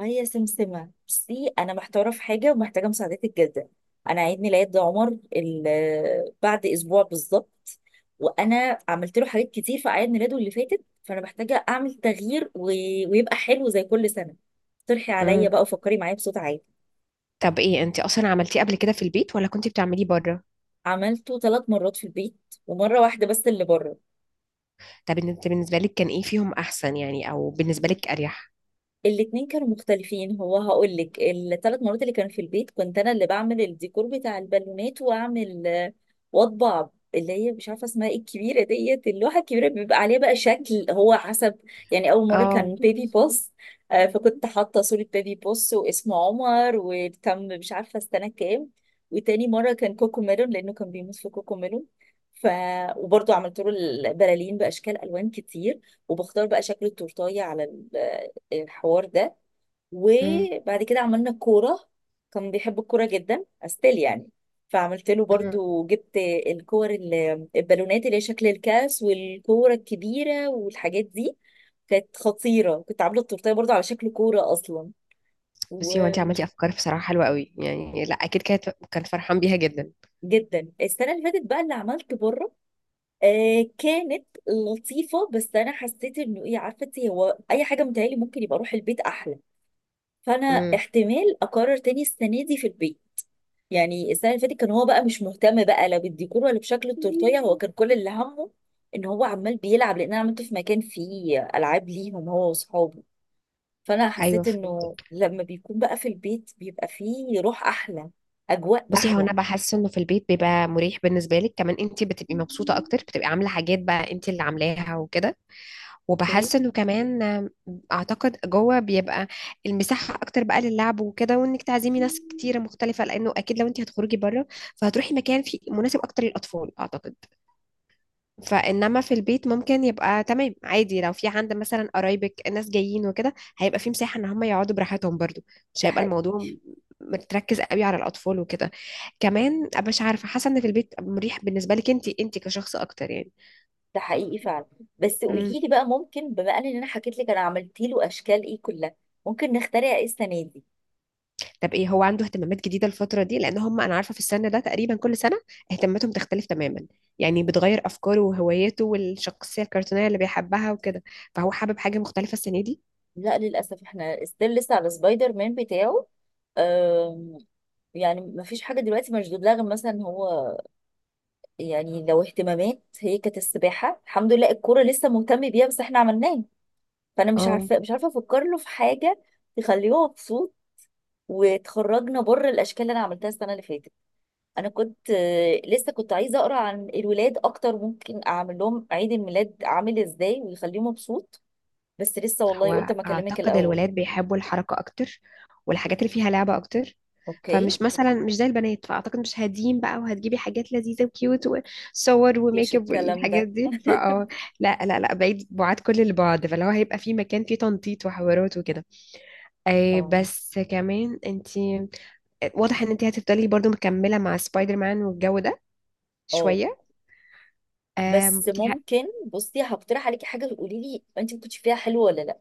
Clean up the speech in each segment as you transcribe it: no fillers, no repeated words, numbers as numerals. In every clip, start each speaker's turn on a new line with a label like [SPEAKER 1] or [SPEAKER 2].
[SPEAKER 1] هي سمسمة، بصي أنا محتارة في حاجة ومحتاجة مساعدتك جدا. أنا عيد ميلاد عمر بعد أسبوع بالظبط. وأنا عملت له حاجات كتير في أعياد ميلاده اللي فاتت، فأنا محتاجة أعمل تغيير و... ويبقى حلو زي كل سنة. اقترحي عليا
[SPEAKER 2] مم.
[SPEAKER 1] بقى وفكري معايا بصوت عالي.
[SPEAKER 2] طب ايه انت اصلا عملتيه قبل كده في البيت ولا كنتي بتعمليه بره؟
[SPEAKER 1] عملته 3 مرات في البيت، ومرة واحدة بس اللي بره.
[SPEAKER 2] طب انت بالنسبه لك كان ايه فيهم احسن يعني او بالنسبه لك اريح؟
[SPEAKER 1] الاتنين كانوا مختلفين. هو هقول لك، الـ3 مرات اللي كانوا في البيت كنت انا اللي بعمل الديكور بتاع البالونات، واعمل واطبع اللي هي مش عارفه اسمها ايه، الكبيره ديت، اللوحه الكبيره بيبقى عليها بقى شكل هو حسب. يعني اول مره
[SPEAKER 2] اه
[SPEAKER 1] كان بيبي بوس، فكنت حاطه صوره بيبي بوس واسمه عمر وكم، مش عارفه السنه كام. وتاني مره كان كوكو ميلون، لانه كان بيموت في كوكو ميلون. ف وبرضه عملت له البلالين باشكال الوان كتير، وبختار بقى شكل التورتايه على الحوار ده.
[SPEAKER 2] مم.
[SPEAKER 1] وبعد كده عملنا كورة، كان بيحب الكورة جدا استيل يعني. فعملت له برضو، جبت الكور البالونات اللي هي شكل الكاس، والكورة الكبيرة، والحاجات دي. كانت خطيرة، كنت عاملة التورتية برضو على شكل كورة أصلا،
[SPEAKER 2] بس هو انت
[SPEAKER 1] وجدا.
[SPEAKER 2] عملتي افكار بصراحه حلوه قوي، يعني لا اكيد كانت كان فرحان بيها جدا.
[SPEAKER 1] السنة اللي فاتت بقى اللي عملت بره، آه كانت لطيفة، بس أنا حسيت إنه إيه، عارفة إنتي، هو أي حاجة متهيألي ممكن يبقى أروح البيت أحلى. فأنا
[SPEAKER 2] امم.
[SPEAKER 1] احتمال أقرر تاني السنة دي في البيت. يعني السنه اللي فاتت كان هو بقى مش مهتم بقى، لا بالديكور ولا بشكل التورتيه، هو كان كل اللي همه ان هو عمال بيلعب، لان انا عملته في مكان فيه العاب ليهم، هو واصحابه. فانا
[SPEAKER 2] ايوه
[SPEAKER 1] حسيت انه
[SPEAKER 2] فهمت.
[SPEAKER 1] لما بيكون بقى في البيت بيبقى فيه روح احلى، اجواء
[SPEAKER 2] بصي هو
[SPEAKER 1] احلى.
[SPEAKER 2] انا بحس انه في البيت بيبقى مريح بالنسبه لك، كمان انت بتبقي مبسوطه اكتر، بتبقي عامله حاجات بقى انت اللي عاملاها وكده.
[SPEAKER 1] اوكي.
[SPEAKER 2] وبحس انه كمان اعتقد جوه بيبقى المساحه اكتر بقى للعب وكده، وانك تعزمي ناس كتيره مختلفه، لانه اكيد لو انت هتخرجي بره فهتروحي مكان فيه مناسب اكتر للاطفال اعتقد. فانما في البيت ممكن يبقى تمام عادي، لو في عند مثلا قرايبك الناس جايين وكده هيبقى في مساحه ان هم يقعدوا براحتهم برضو، مش
[SPEAKER 1] ده
[SPEAKER 2] هيبقى
[SPEAKER 1] حقيقي.
[SPEAKER 2] الموضوع متركز قوي على الاطفال وكده. كمان أبقى مش عارفه، حاسه ان في البيت مريح بالنسبه لك انت، انت كشخص اكتر يعني.
[SPEAKER 1] ده حقيقي فعلا. بس
[SPEAKER 2] امم.
[SPEAKER 1] قولي لي بقى، ممكن بما ان انا حكيت لك انا عملت له اشكال ايه كلها، ممكن نخترع ايه السنه دي؟
[SPEAKER 2] طب ايه، هو عنده اهتمامات جديده الفتره دي؟ لان هم انا عارفه في السن ده تقريبا كل سنه اهتماماتهم تختلف تماما، يعني بتغير افكاره وهواياته والشخصيه الكرتونيه اللي بيحبها وكده. فهو حابب حاجه مختلفه السنه دي؟
[SPEAKER 1] لا للاسف احنا ستيل لسه على سبايدر مان بتاعه. يعني مفيش حاجة دلوقتي مشدود لها غير مثلا هو. يعني لو اهتمامات، هي كانت السباحة الحمد لله، الكورة لسه مهتم بيها بس احنا عملناه. فأنا مش
[SPEAKER 2] اه.
[SPEAKER 1] عارفة مش عارفة أفكر له في حاجة تخليه مبسوط، وتخرجنا بره الأشكال اللي أنا عملتها السنة اللي فاتت. أنا كنت لسه كنت عايزة أقرأ عن الولاد أكتر، ممكن أعمل لهم عيد الميلاد عامل إزاي ويخليه مبسوط. بس لسه والله قلت
[SPEAKER 2] هو
[SPEAKER 1] ما أكلمك
[SPEAKER 2] أعتقد
[SPEAKER 1] الأول.
[SPEAKER 2] الولاد بيحبوا الحركة أكتر والحاجات اللي فيها لعبة أكتر،
[SPEAKER 1] أوكي.
[SPEAKER 2] فمش مثلا مش زي البنات، فأعتقد مش هادين بقى وهتجيبي حاجات لذيذة وكيوت وصور
[SPEAKER 1] مفيش
[SPEAKER 2] وميك اب
[SPEAKER 1] الكلام
[SPEAKER 2] والحاجات
[SPEAKER 1] ده.
[SPEAKER 2] دي، فأه لا لا لا، بعيد بعاد كل البعد. فلو هيبقى في مكان فيه تنطيط وحوارات وكده، أي
[SPEAKER 1] اه
[SPEAKER 2] بس كمان انتي واضح ان انتي هتفضلي برضو مكملة مع سبايدر مان والجو ده
[SPEAKER 1] اه.
[SPEAKER 2] شوية. أم...
[SPEAKER 1] بس
[SPEAKER 2] انتي ه-
[SPEAKER 1] ممكن، بصي هقترح عليكي حاجه، تقولي لي انت ما كنتش فيها حلوه ولا لا.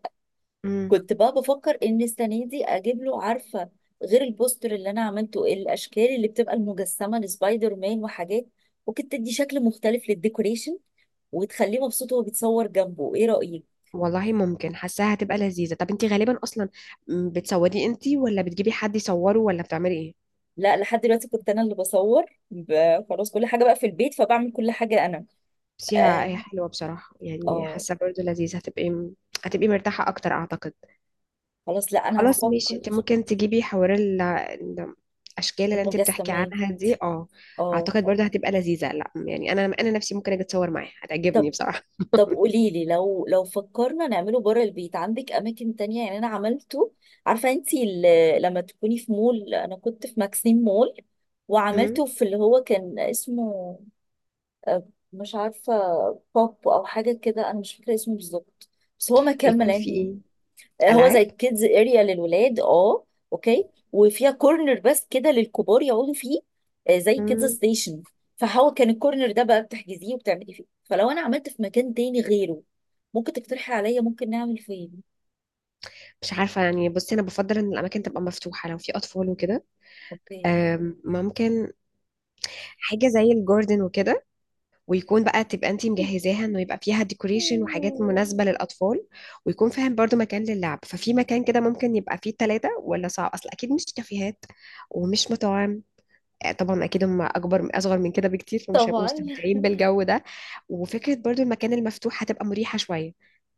[SPEAKER 2] مم.
[SPEAKER 1] كنت بقى بفكر ان السنه دي اجيب له، عارفه، غير البوستر اللي انا عملته، الاشكال اللي بتبقى المجسمه لسبايدر مان وحاجات. ممكن تدي شكل مختلف للديكوريشن، وتخليه مبسوط وهو بيتصور جنبه. ايه رايك؟
[SPEAKER 2] والله ممكن، حاساها هتبقى لذيذة. طب انتي غالبا اصلا، بتصوري انتي ولا بتجيبي حد يصوره ولا بتعملي ايه؟
[SPEAKER 1] لا لحد دلوقتي كنت انا اللي بصور، خلاص كل حاجه بقى في البيت، فبعمل كل حاجه انا.
[SPEAKER 2] بس هي
[SPEAKER 1] اه.
[SPEAKER 2] هي حلوة بصراحة، يعني
[SPEAKER 1] آه،
[SPEAKER 2] حاسة برضو لذيذة، هتبقي هتبقي مرتاحة اكتر اعتقد.
[SPEAKER 1] خلاص، لا انا
[SPEAKER 2] خلاص ماشي،
[SPEAKER 1] هفكر.
[SPEAKER 2] انت ممكن تجيبي حوار الاشكال اللي انت بتحكي
[SPEAKER 1] المجسمات.
[SPEAKER 2] عنها دي. اه
[SPEAKER 1] اه.
[SPEAKER 2] اعتقد برضو هتبقى لذيذة، لا يعني انا نفسي ممكن اجي اتصور معاها، هتعجبني بصراحة.
[SPEAKER 1] طب قولي لي، لو فكرنا نعمله بره البيت، عندك اماكن تانية؟ يعني انا عملته، عارفة انتي لما تكوني في مول، انا كنت في ماكسيم مول،
[SPEAKER 2] مم.
[SPEAKER 1] وعملته في اللي هو كان اسمه آه، مش عارفة، بوب او حاجة كده، انا مش فاكرة اسمه بالظبط. بس هو ما كمل
[SPEAKER 2] بيكون في
[SPEAKER 1] يعني.
[SPEAKER 2] ايه؟
[SPEAKER 1] هو زي
[SPEAKER 2] العاب.
[SPEAKER 1] كيدز اريا للولاد. اه. اوكي. وفيها كورنر بس كده للكبار يقعدوا فيه، زي كيدز
[SPEAKER 2] مم.
[SPEAKER 1] ستيشن. فهو كان الكورنر ده بقى بتحجزيه وبتعملي فيه. فلو انا عملت في مكان تاني غيره، ممكن تقترحي عليا ممكن نعمل فين؟
[SPEAKER 2] مش عارفة يعني، بصي أنا بفضل إن الأماكن تبقى مفتوحة لو في أطفال وكده.
[SPEAKER 1] اوكي.
[SPEAKER 2] ممكن حاجة زي الجاردن وكده، ويكون بقى تبقى انتي مجهزاها انه يبقى فيها ديكوريشن وحاجات مناسبة للأطفال، ويكون فاهم برضو مكان للعب. ففي مكان كده ممكن يبقى فيه ثلاثة، ولا صعب أصل أكيد مش كافيهات ومش مطاعم. طبعا أكيد هم أكبر أصغر من كده بكتير، فمش هيبقوا
[SPEAKER 1] طبعا.
[SPEAKER 2] مستمتعين بالجو ده. وفكرة برضو المكان المفتوح هتبقى مريحة شوية،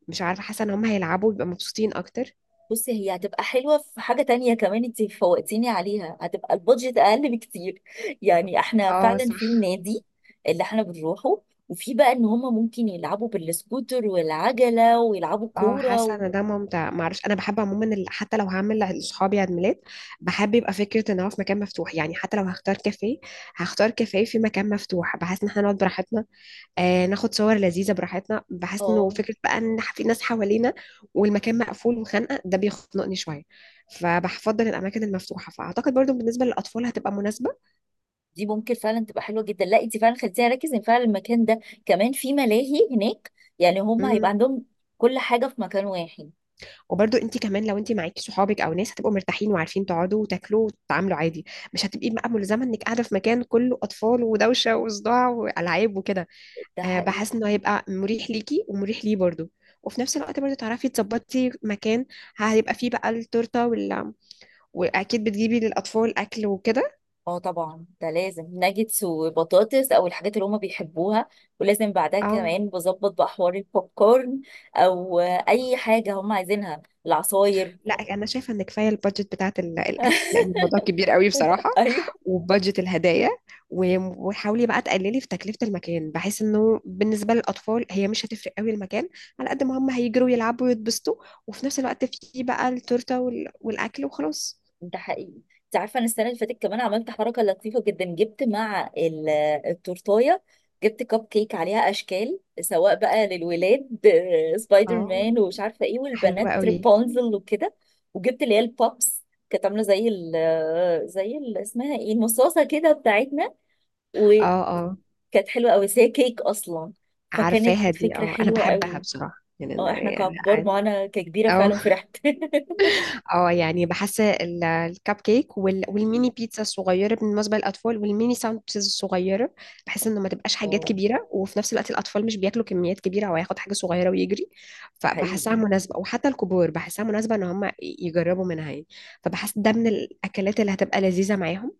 [SPEAKER 2] مش عارفة حاسة إن هم هيلعبوا ويبقى مبسوطين أكتر.
[SPEAKER 1] بصي، هي هتبقى حلوة في حاجة تانية كمان انت فوقتيني عليها، هتبقى البادجت أقل بكتير. يعني احنا
[SPEAKER 2] اه
[SPEAKER 1] فعلا في
[SPEAKER 2] صح.
[SPEAKER 1] النادي اللي احنا بنروحه، وفي بقى ان هما ممكن يلعبوا بالسكوتر والعجلة ويلعبوا
[SPEAKER 2] اه
[SPEAKER 1] كورة
[SPEAKER 2] حاسه
[SPEAKER 1] و...
[SPEAKER 2] ان ده ممتع، معرفش انا بحب عموما حتى لو هعمل لاصحابي عيد ميلاد بحب يبقى فكره ان هو في مكان مفتوح، يعني حتى لو هختار كافيه هختار كافيه في مكان مفتوح، بحيث ان احنا نقعد براحتنا، آه ناخد صور لذيذه براحتنا، بحيث انه
[SPEAKER 1] اه،
[SPEAKER 2] فكره بقى ان في ناس حوالينا والمكان مقفول وخانقه، ده بيخنقني شويه. فبفضل الاماكن المفتوحه، فاعتقد برضو بالنسبه للاطفال هتبقى مناسبه.
[SPEAKER 1] دي ممكن فعلا تبقى حلوة جدا. لا انت فعلا خليتيني اركز ان فعلا المكان ده كمان في ملاهي هناك. يعني هما هيبقى
[SPEAKER 2] مم.
[SPEAKER 1] عندهم كل حاجة في مكان واحد.
[SPEAKER 2] وبرضو انت كمان لو انت معاكي صحابك او ناس هتبقوا مرتاحين وعارفين تقعدوا وتاكلوا وتتعاملوا عادي، مش هتبقي بقى ملزمه انك قاعده في مكان كله اطفال ودوشه وصداع والعاب وكده.
[SPEAKER 1] ده
[SPEAKER 2] أه
[SPEAKER 1] حقيقي.
[SPEAKER 2] بحس انه هيبقى مريح ليكي ومريح ليه برضو، وفي نفس الوقت برضو تعرفي تظبطي مكان هيبقى فيه بقى التورته واكيد بتجيبي للاطفال اكل وكده.
[SPEAKER 1] اه طبعا، ده لازم، ناجتس وبطاطس او الحاجات اللي هما بيحبوها، ولازم بعدها
[SPEAKER 2] اه
[SPEAKER 1] كمان بظبط بقى حوار البوب كورن، او اي حاجه هما عايزينها، العصاير.
[SPEAKER 2] لا انا شايفه ان كفايه البادجت بتاعت الاكل، لان الموضوع كبير قوي بصراحه،
[SPEAKER 1] ايوه.
[SPEAKER 2] وبادجت الهدايا. وحاولي بقى تقللي في تكلفه المكان، بحيث انه بالنسبه للاطفال هي مش هتفرق قوي المكان، على قد ما هم هيجروا يلعبوا ويتبسطوا، وفي نفس الوقت في بقى التورته والاكل وخلاص.
[SPEAKER 1] ده حقيقي. انت عارفه، انا السنه اللي فاتت كمان عملت حركه لطيفه جدا، جبت مع التورتايه، جبت كب كيك عليها اشكال سواء بقى للولاد، سبايدر
[SPEAKER 2] اه
[SPEAKER 1] مان ومش عارفه ايه،
[SPEAKER 2] حلوه
[SPEAKER 1] والبنات
[SPEAKER 2] قوي.
[SPEAKER 1] ريبونزل وكده. وجبت اللي هي البوبس، كانت عامله زي ال زي ال، اسمها ايه، المصاصه كده بتاعتنا.
[SPEAKER 2] اه
[SPEAKER 1] وكانت
[SPEAKER 2] اه
[SPEAKER 1] حلوه قوي، بس هي كيك اصلا. فكانت
[SPEAKER 2] عارفاها دي،
[SPEAKER 1] فكره
[SPEAKER 2] اه انا
[SPEAKER 1] حلوه
[SPEAKER 2] بحبها
[SPEAKER 1] قوي.
[SPEAKER 2] بصراحه. يعني
[SPEAKER 1] اه احنا ككبار، ما انا ككبيره
[SPEAKER 2] اه
[SPEAKER 1] فعلا فرحت.
[SPEAKER 2] اه، يعني بحس الكب كيك والميني بيتزا الصغيره بالنسبه للاطفال، والميني ساندوتشز الصغيره، بحس انه ما تبقاش حاجات
[SPEAKER 1] اه،
[SPEAKER 2] كبيره، وفي نفس الوقت الاطفال مش بياكلوا كميات كبيره، او هياخد حاجه صغيره ويجري.
[SPEAKER 1] ده
[SPEAKER 2] فبحسها
[SPEAKER 1] حقيقي.
[SPEAKER 2] مناسبه، وحتى الكبار بحسها مناسبه ان هم يجربوا منها يعني. فبحس ده من الاكلات اللي هتبقى لذيذه معاهم.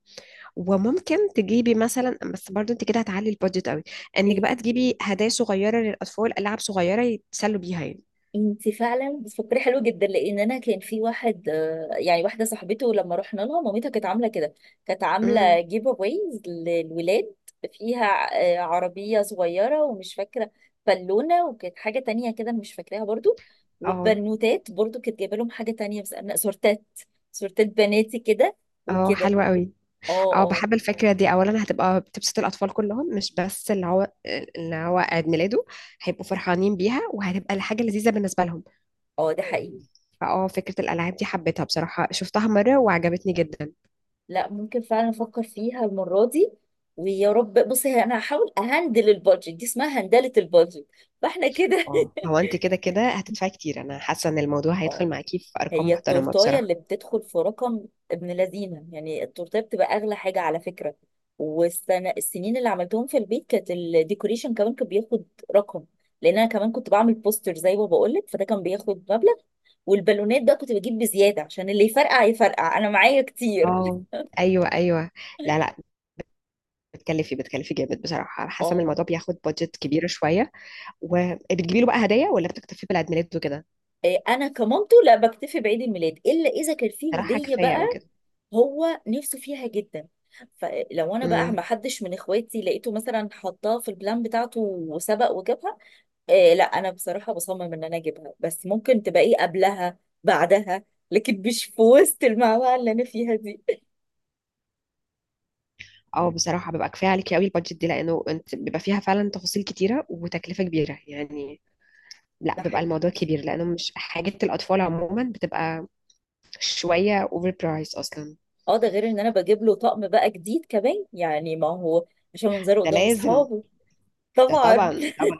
[SPEAKER 2] وممكن تجيبي مثلا، بس برضو انت كده هتعلي البادجت قوي، انك
[SPEAKER 1] ايه،
[SPEAKER 2] بقى تجيبي هدايا صغيره للاطفال، العاب صغيره يتسلوا بيها يعني.
[SPEAKER 1] انت فعلا بتفكري حلو جدا، لان انا كان في واحد، يعني واحده صاحبته لما رحنا لها، مامتها كانت عامله كده، كانت عامله
[SPEAKER 2] امم.
[SPEAKER 1] جيف اويز للولاد، فيها عربيه صغيره ومش فاكره، بالونه، وكانت حاجه تانية كده مش فاكراها برضو.
[SPEAKER 2] اه
[SPEAKER 1] وبنوتات برضو كانت جايبه لهم حاجه تانية، بس انا سورتات بناتي كده،
[SPEAKER 2] اه
[SPEAKER 1] وكده.
[SPEAKER 2] حلوه قوي.
[SPEAKER 1] اه.
[SPEAKER 2] اه
[SPEAKER 1] اه
[SPEAKER 2] بحب الفكرة دي، أولا هتبقى بتبسط الأطفال كلهم مش بس اللي هو عيد ميلاده، هيبقوا فرحانين بيها وهتبقى حاجة لذيذة بالنسبة لهم.
[SPEAKER 1] اه. ده حقيقي.
[SPEAKER 2] فاه فكرة الألعاب دي حبيتها بصراحة، شفتها مرة وعجبتني جدا.
[SPEAKER 1] لا ممكن فعلا افكر فيها المره دي. ويا رب. بصي، هي انا هحاول اهندل البادجت دي، اسمها هندله البادجت. فاحنا كده.
[SPEAKER 2] اه هو انت كده كده هتدفعي كتير، أنا حاسة إن الموضوع
[SPEAKER 1] اه.
[SPEAKER 2] هيدخل معاكي في أرقام
[SPEAKER 1] هي
[SPEAKER 2] محترمة
[SPEAKER 1] التورتايه
[SPEAKER 2] بصراحة.
[SPEAKER 1] اللي بتدخل في رقم، ابن لذينه، يعني التورتايه بتبقى اغلى حاجه على فكره. والسنه، السنين اللي عملتهم في البيت كانت الديكوريشن كمان كان بياخد رقم، لان انا كمان كنت بعمل بوستر زي ما بقول لك، فده كان بياخد مبلغ. والبالونات ده كنت بجيب بزياده عشان اللي يفرقع يفرقع، انا معايا كتير.
[SPEAKER 2] اه ايوه ايوه، لا لا، بتكلفي جامد بصراحه، حاسه ان
[SPEAKER 1] اه.
[SPEAKER 2] الموضوع بياخد بادجت كبيره شويه. وبتجيبي له بقى هدايا ولا بتكتفي بالعيد ميلاد وكده؟
[SPEAKER 1] انا كمامته لا بكتفي بعيد الميلاد، الا اذا كان فيه
[SPEAKER 2] بصراحه
[SPEAKER 1] هديه
[SPEAKER 2] كفايه قوي
[SPEAKER 1] بقى.
[SPEAKER 2] كده.
[SPEAKER 1] هو نفسه فيها جدا، فلو انا بقى
[SPEAKER 2] امم.
[SPEAKER 1] ما حدش من اخواتي لقيته مثلا حطها في البلان بتاعته وسبق وجابها، إيه لا، انا بصراحه بصمم ان انا اجيبها. بس ممكن تبقى ايه قبلها بعدها، لكن مش في وسط المعمعه اللي انا فيها دي.
[SPEAKER 2] اه بصراحة ببقى كفاية عليكي قوي البادجت دي، لأنه انت بيبقى فيها فعلا تفاصيل كتيرة وتكلفة كبيرة يعني. لا
[SPEAKER 1] ده
[SPEAKER 2] بيبقى
[SPEAKER 1] حقيقي.
[SPEAKER 2] الموضوع كبير، لأنه مش حاجات الأطفال عموما بتبقى شوية اوفر برايس أصلا.
[SPEAKER 1] اه، ده غير ان انا بجيب له طقم بقى جديد كمان يعني، ما هو عشان منظره
[SPEAKER 2] ده
[SPEAKER 1] قدام
[SPEAKER 2] لازم.
[SPEAKER 1] اصحابه.
[SPEAKER 2] ده
[SPEAKER 1] طبعا.
[SPEAKER 2] طبعا. طبعا.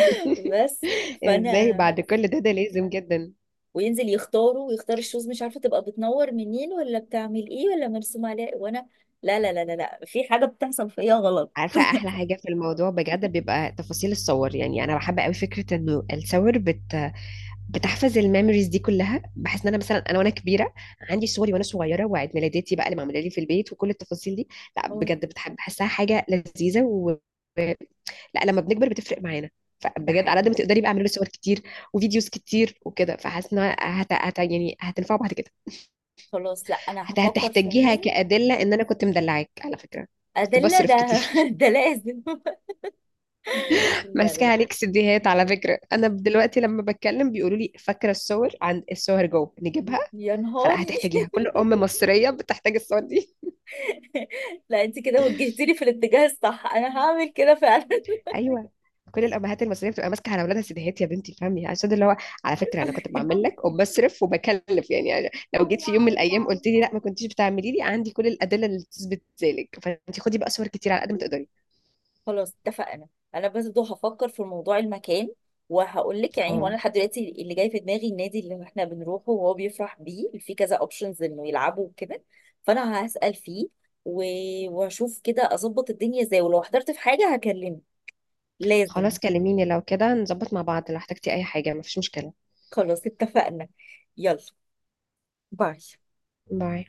[SPEAKER 1] بس.
[SPEAKER 2] ازاي
[SPEAKER 1] فانا،
[SPEAKER 2] بعد كل ده؟ ده لازم جدا.
[SPEAKER 1] وينزل يختاره ويختار الشوز، مش عارفه تبقى بتنور منين ولا بتعمل ايه ولا مرسوم عليها وانا، لا لا لا لا لا، في حاجه بتحصل فيا غلط.
[SPEAKER 2] عارفة أحلى حاجة في الموضوع بجد بيبقى تفاصيل الصور؟ يعني أنا بحب قوي فكرة إنه الصور بت بتحفظ الميموريز دي كلها. بحس ان انا مثلا انا وانا كبيره عندي صوري وانا صغيره، وعيد ميلاداتي بقى اللي معموله لي في البيت وكل التفاصيل دي، لا
[SPEAKER 1] اه.
[SPEAKER 2] بجد بتحب، بحسها حاجه لذيذه و... لا لما بنكبر بتفرق معانا.
[SPEAKER 1] ده
[SPEAKER 2] فبجد على قد
[SPEAKER 1] حقيقي.
[SPEAKER 2] ما تقدري بقى اعملي له صور كتير وفيديوز كتير وكده، فحاسه انها يعني هتنفع بعد كده.
[SPEAKER 1] خلاص، لا انا هفكر
[SPEAKER 2] هتحتاجيها
[SPEAKER 1] فعلا.
[SPEAKER 2] كادله ان انا كنت مدلعاك على فكره، كنت
[SPEAKER 1] ادله
[SPEAKER 2] بصرف
[SPEAKER 1] ده.
[SPEAKER 2] كتير.
[SPEAKER 1] ده لازم. لا لا
[SPEAKER 2] ماسكه
[SPEAKER 1] لا،
[SPEAKER 2] عليك سيديهات على فكره، انا دلوقتي لما بتكلم بيقولوا لي فاكره الصور؟ عند الصور جو نجيبها.
[SPEAKER 1] يا
[SPEAKER 2] فلا
[SPEAKER 1] نهاري.
[SPEAKER 2] هتحتاجيها، كل ام مصريه بتحتاج الصور دي.
[SPEAKER 1] لا، انت كده وجهتيني في الاتجاه الصح، انا هعمل كده فعلا.
[SPEAKER 2] ايوه، كل الامهات المصريه بتبقى ماسكه على اولادها سيديهات. يا بنتي فهمي عشان اللي هو، على فكره انا كنت بعمل لك وبصرف وبكلف يعني, يعني لو جيت في يوم من الايام قلت لي لا ما كنتيش بتعملي لي، عندي كل الادله اللي تثبت ذلك. فانت خدي بقى صور كتير على قد ما تقدري.
[SPEAKER 1] خلاص اتفقنا. انا بس دو هفكر في موضوع المكان وهقول لك. يعني هو
[SPEAKER 2] أهو.
[SPEAKER 1] انا لحد دلوقتي اللي جاي في دماغي النادي اللي احنا بنروحه وهو بيفرح بيه، في كذا اوبشنز انه يلعبوا وكده. فانا هسأل فيه، و... واشوف كده اظبط الدنيا ازاي، ولو احترت في حاجة هكلمك. لازم.
[SPEAKER 2] خلاص كلميني، لو كده نظبط مع بعض، لو احتجتي اي حاجه مفيش مشكله.
[SPEAKER 1] خلاص اتفقنا. يلا. باي.
[SPEAKER 2] باي.